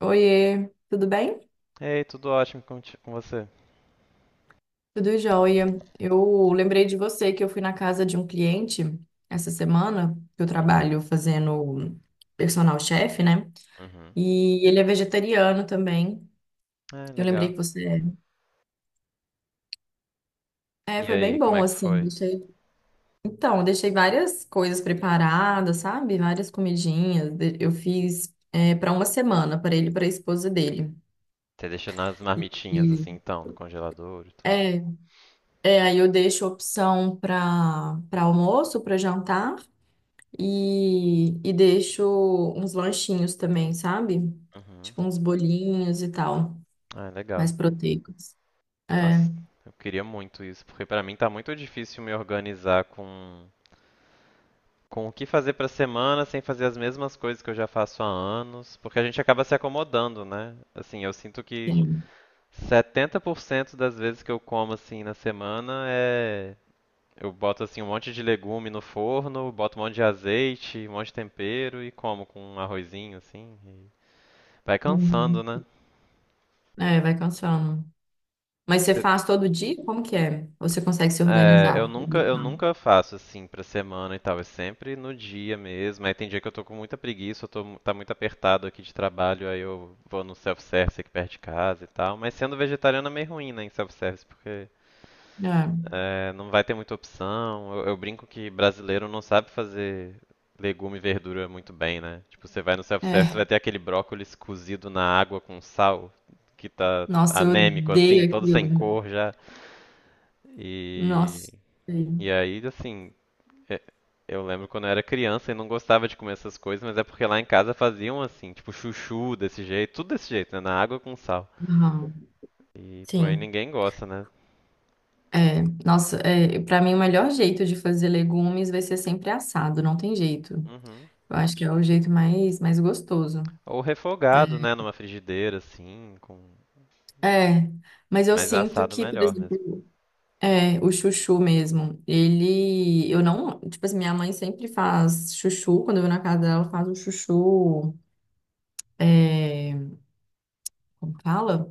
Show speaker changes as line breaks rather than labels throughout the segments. Oiê, tudo bem?
Ei, tudo ótimo com você?
Tudo jóia. Eu lembrei de você que eu fui na casa de um cliente essa semana, que eu
Uhum,
trabalho fazendo personal chef, né?
uhum.
E ele é vegetariano também.
É,
Eu lembrei
legal.
que você é. É,
E
foi
aí,
bem
como é
bom,
que
assim.
foi?
Então, eu deixei várias coisas preparadas, sabe? Várias comidinhas. Eu fiz para uma semana, para ele e para a esposa dele.
Você deixou nas marmitinhas
E
assim, então, no congelador e tudo?
é, aí eu deixo opção para almoço, para jantar. E deixo uns lanchinhos também, sabe?
Uhum.
Tipo uns bolinhos e tal,
Ah, é
mais
legal.
proteicos.
Nossa,
É,
eu queria muito isso, porque pra mim tá muito difícil me organizar com o que fazer pra semana sem fazer as mesmas coisas que eu já faço há anos, porque a gente acaba se acomodando, né? Assim, eu sinto que
tem.
70% das vezes que eu como assim na semana é eu boto assim um monte de legume no forno, boto um monte de azeite, um monte de tempero e como com um arrozinho assim. Vai cansando,
Uhum.
né?
É, vai cansando. Mas você
Cê-
faz todo dia? Como que é? Ou você consegue se
É, eu
organizar?
nunca, eu nunca faço assim pra semana e tal, é sempre no dia mesmo. Aí tem dia que eu tô com muita preguiça, tá muito apertado aqui de trabalho, aí eu vou no self-service aqui perto de casa e tal. Mas sendo vegetariano é meio ruim, né, em self-service, porque é, não vai ter muita opção. Eu brinco que brasileiro não sabe fazer legume e verdura muito bem, né? Tipo, você vai no
É,
self-service, vai
é.
ter aquele brócolis cozido na água com sal, que tá
Nossa, eu
anêmico assim,
odeio
todo sem
aquilo.
cor já. E,
Nossa. Sei.
e aí, assim, é- eu lembro quando eu era criança e não gostava de comer essas coisas, mas é porque lá em casa faziam assim, tipo chuchu desse jeito, tudo desse jeito, né? Na água com sal.
Aham.
E, pô, aí
Sim.
ninguém gosta, né?
É, nossa, para mim o melhor jeito de fazer legumes vai ser sempre assado, não tem jeito.
Uhum.
Eu acho que é o jeito mais gostoso.
Ou refogado, né? Numa frigideira, assim, com...
É, mas eu
Mas é
sinto
assado
que, por
melhor mesmo.
exemplo, o chuchu mesmo, ele, eu não, tipo assim, minha mãe sempre faz chuchu, quando eu vou na casa dela, ela faz o chuchu, é, como fala?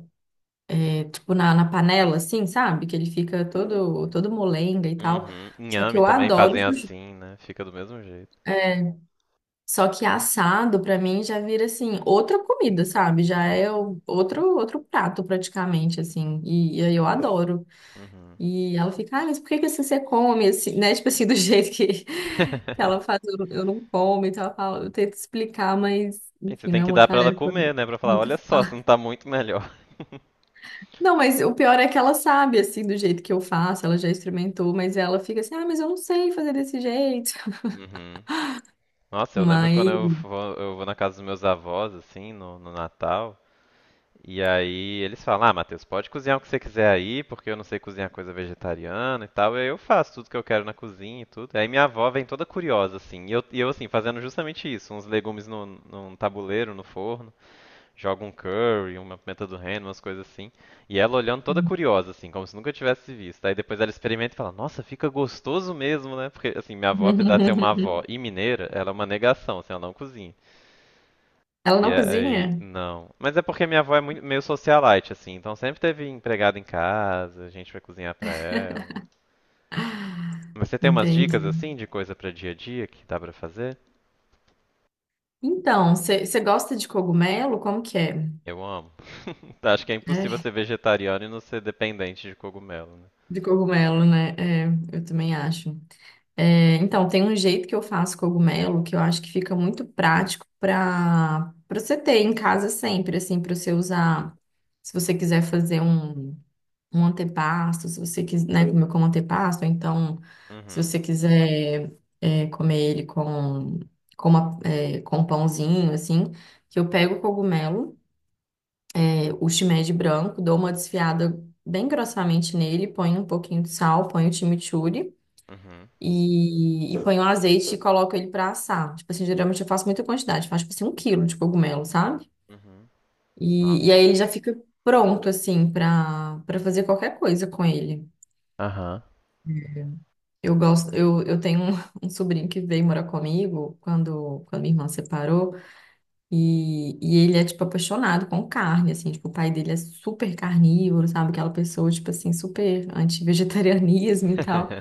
Tipo, na panela, assim, sabe? Que ele fica todo, todo molenga e tal,
Uhum.
só que
Inhame
eu
também
adoro
fazem
chuchu,
assim, né? Fica do mesmo jeito.
só que assado, pra mim, já vira, assim, outra comida, sabe? Já é outro, outro prato, praticamente, assim, e aí eu adoro.
Uhum.
E ela fica, ah, mas por que que assim você come, assim, né? Tipo assim, do jeito que ela faz, eu não como. Então ela fala, eu tento explicar, mas,
Gente, você
enfim, não
tem
é
que
uma
dar pra ela
tarefa
comer, né? Pra falar,
muito
olha só, você não
fácil.
tá muito melhor.
Não, mas o pior é que ela sabe, assim, do jeito que eu faço, ela já experimentou, mas ela fica assim, ah, mas eu não sei fazer desse jeito.
Uhum. Nossa, eu lembro quando
Mas.
eu vou na casa dos meus avós, assim, no Natal. E aí eles falam, ah, Matheus, pode cozinhar o que você quiser aí, porque eu não sei cozinhar coisa vegetariana e tal. E aí eu faço tudo que eu quero na cozinha e tudo. Aí minha avó vem toda curiosa, assim. E eu assim, fazendo justamente isso, uns legumes num tabuleiro, no forno. Joga um curry, uma pimenta do reino, umas coisas assim. E ela olhando toda curiosa, assim, como se nunca tivesse visto. Aí depois ela experimenta e fala, nossa, fica gostoso mesmo, né? Porque, assim, minha avó, apesar de ser uma avó e mineira, ela é uma negação, assim, ela não cozinha.
Ela
E
não
aí,
cozinha?
não. Mas é porque minha avó é muito, meio socialite, assim, então sempre teve empregada em casa, a gente vai cozinhar pra ela. Mas você tem umas dicas,
Entendi.
assim, de coisa pra dia a dia que dá pra fazer?
Então, você gosta de cogumelo? Como que é?
Eu amo. Acho que é impossível
É,
ser vegetariano e não ser dependente de cogumelo, né?
de cogumelo, né? É, eu também acho. É, então, tem um jeito que eu faço cogumelo que eu acho que fica muito prático para você ter em casa sempre, assim, para você usar. Se você quiser fazer um antepasto, se você quiser, né, comer como antepasto, ou então, se
Uhum,
você quiser comer ele com um pãozinho, assim, que eu pego o cogumelo, o shimeji branco, dou uma desfiada bem grossamente nele, ponho um pouquinho de sal, ponho o chimichurri.
uhum,
E ponho azeite e coloco ele pra assar. Tipo assim, geralmente eu faço muita quantidade, faço tipo assim 1 quilo de cogumelo, sabe?
uhum. Nossa.
E aí ele já fica pronto, assim, pra fazer qualquer coisa com ele.
Aham.
Eu gosto, eu tenho um, um sobrinho que veio morar comigo quando minha irmã separou, e ele é, tipo, apaixonado com carne, assim, tipo, o pai dele é super carnívoro, sabe? Aquela pessoa, tipo assim, super anti-vegetarianismo e tal.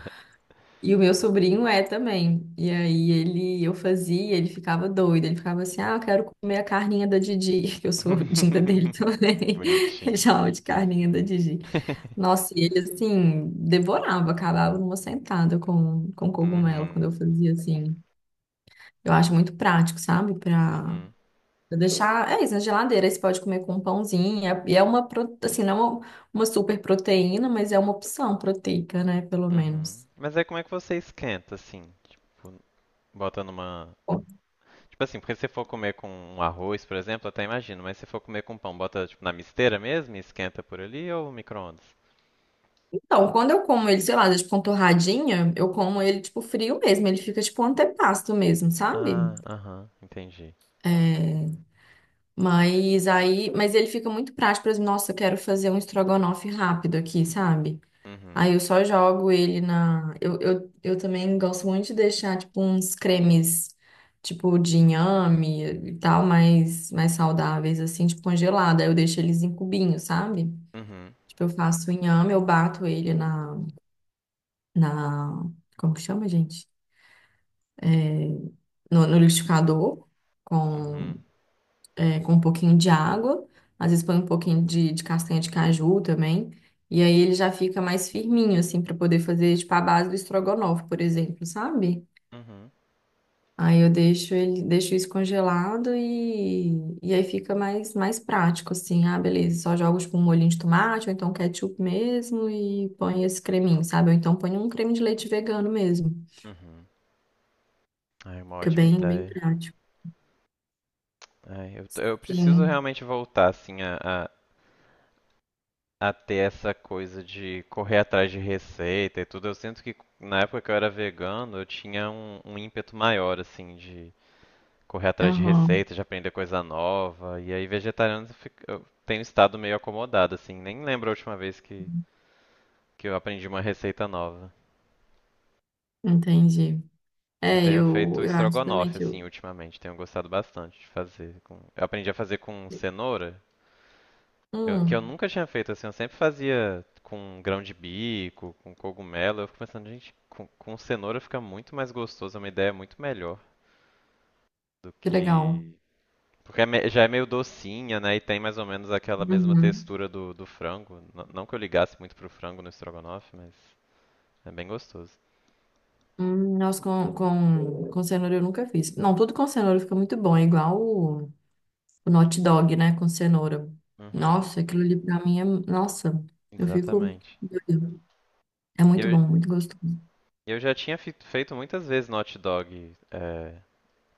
E o meu sobrinho é também. E aí ele, eu fazia, ele ficava doido. Ele ficava assim, ah, eu quero comer a carninha da Didi, que eu sou dinda dele
Que
também. Ele
bonitinho.
chamava de carninha da Didi. Nossa, e ele assim, devorava, acabava numa sentada com cogumelo quando
Uhum,
eu fazia assim. Eu acho muito prático, sabe? Pra,
uhum,
pra deixar. É isso, na geladeira. Aí você pode comer com um pãozinho. E é uma, assim, não é uma, uma super proteína, mas é uma opção proteica, né? Pelo
uhum.
menos.
Mas aí como é que você esquenta, assim? Tipo, bota numa... Tipo assim, porque se você for comer com um arroz, por exemplo, eu até imagino, mas se for comer com pão, bota tipo na misteira mesmo e esquenta por ali ou micro-ondas?
Então, quando eu como ele, sei lá, tipo, com torradinha, eu como ele, tipo, frio mesmo. Ele fica, tipo, um antepasto mesmo, sabe?
Ah, aham, entendi.
É, mas aí... Mas ele fica muito prático. Por exemplo, nossa, eu quero fazer um estrogonofe rápido aqui, sabe?
Uhum,
Aí eu só jogo ele na... Eu também gosto muito de deixar, tipo, uns cremes, tipo, de inhame e tal, mais saudáveis, assim, tipo, congelado. Aí eu deixo eles em cubinhos, sabe?
uhum,
Tipo, eu faço o inhame, eu bato ele na, como que chama, gente? No liquidificador, com,
uhum,
com um pouquinho de água, às vezes põe um pouquinho de castanha de caju também, e, aí ele já fica mais firminho, assim, para poder fazer, tipo, a base do estrogonofe, por exemplo, sabe?
uhum,
Aí eu deixo ele, deixo isso congelado e aí fica mais prático, assim, ah, beleza, só jogo, tipo, um molhinho de tomate, ou então ketchup mesmo, e põe esse creminho, sabe? Ou então põe um creme de leite vegano mesmo.
uhum. Ai, uma
Fica
ótima
bem, bem
ideia.
prático.
Ai, eu preciso
Sim,
realmente voltar, assim, a ter essa coisa de correr atrás de receita e tudo. Eu sinto que na época que eu era vegano, eu tinha um ímpeto maior, assim, de correr atrás de
aham,
receita, de aprender coisa nova. E aí, vegetariano, eu tenho estado meio acomodado, assim. Nem lembro a última vez que eu aprendi uma receita nova.
entendi.
Eu
É,
tenho feito
eu acho também
estrogonofe,
que
assim,
eu...
ultimamente. Tenho gostado bastante de fazer. Eu aprendi a fazer com cenoura. Que eu
Hum,
nunca tinha feito assim, eu sempre fazia com grão de bico, com cogumelo. Eu fico pensando, gente, com cenoura fica muito mais gostoso, é uma ideia muito melhor do
que legal.
que. Porque é já é meio docinha, né? E tem mais ou menos aquela mesma
Uhum.
textura do frango. Não que eu ligasse muito pro frango no estrogonofe, mas é bem gostoso.
Nossa, com cenoura eu nunca fiz. Não, tudo com cenoura fica muito bom, é igual o hot dog, né, com cenoura.
Uhum,
Nossa, aquilo ali pra mim é... Nossa, eu fico...
exatamente.
doida. É
E
muito
Eu,
bom, muito gostoso.
eu já tinha feito muitas vezes no hot dog é,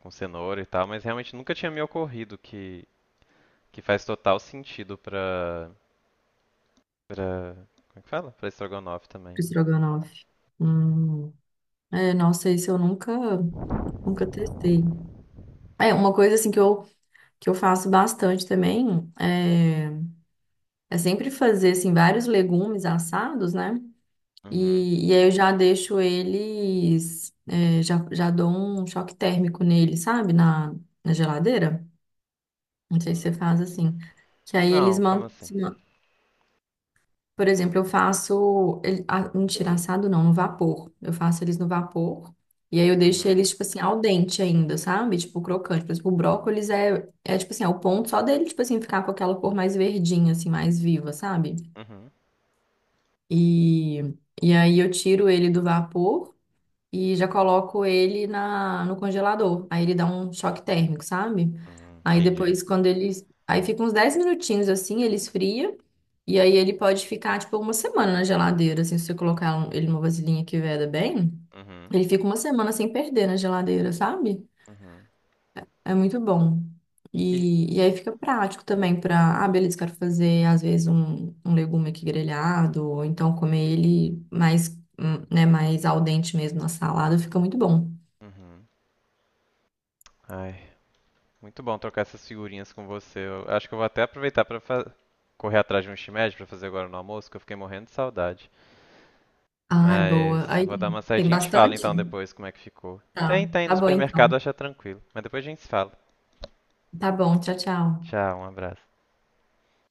com cenoura e tal, mas realmente nunca tinha me ocorrido que faz total sentido pra... Pra. Como é que fala? Pra estrogonofe também.
Estrogonofe. Hum. É, nossa, isso eu nunca, nunca testei. É, uma coisa assim que eu faço bastante também é sempre fazer assim vários legumes assados, né?
Uhum.
E aí eu já deixo eles, já dou um choque térmico nele, sabe? Na geladeira. Não sei se
N-
você faz assim. Que aí eles
Não, como assim?
mantêm. Por exemplo, eu faço. Ele, ah, mentira, assado não, no vapor. Eu faço eles no vapor. E aí eu deixo
Uhum.
eles, tipo assim, ao dente ainda, sabe? Tipo, crocante. Por exemplo, o brócolis é tipo assim, é o ponto só dele, tipo assim, ficar com aquela cor mais verdinha, assim, mais viva, sabe?
Uhum.
E, e aí eu tiro ele do vapor e já coloco ele no congelador. Aí ele dá um choque térmico, sabe?
Uhum.
Aí
Entendi.
depois, quando ele. Aí fica uns 10 minutinhos assim, ele esfria. E aí ele pode ficar, tipo, uma semana na geladeira. Assim, se você colocar ele numa vasilhinha que veda bem,
Uhum.
ele fica uma semana sem perder na geladeira, sabe?
Uhum.
É muito bom.
E.
E aí fica prático também para, ah, beleza, quero fazer às vezes um legume aqui grelhado, ou então comer ele mais, né, mais al dente mesmo na salada, fica muito bom.
Uhum. Ai, muito bom trocar essas figurinhas com você. Eu acho que eu vou até aproveitar pra correr atrás de um shimeji pra fazer agora no almoço, que eu fiquei morrendo de saudade.
Ai, boa.
Mas eu
Aí
vou dar uma
tem
saidinha e te falo
bastante?
então depois como é que ficou.
Tá.
Tem, tem, no
Tá bom
supermercado
então.
acha tranquilo. Mas depois a gente se fala.
Tá bom, tchau, tchau.
Tchau, um abraço.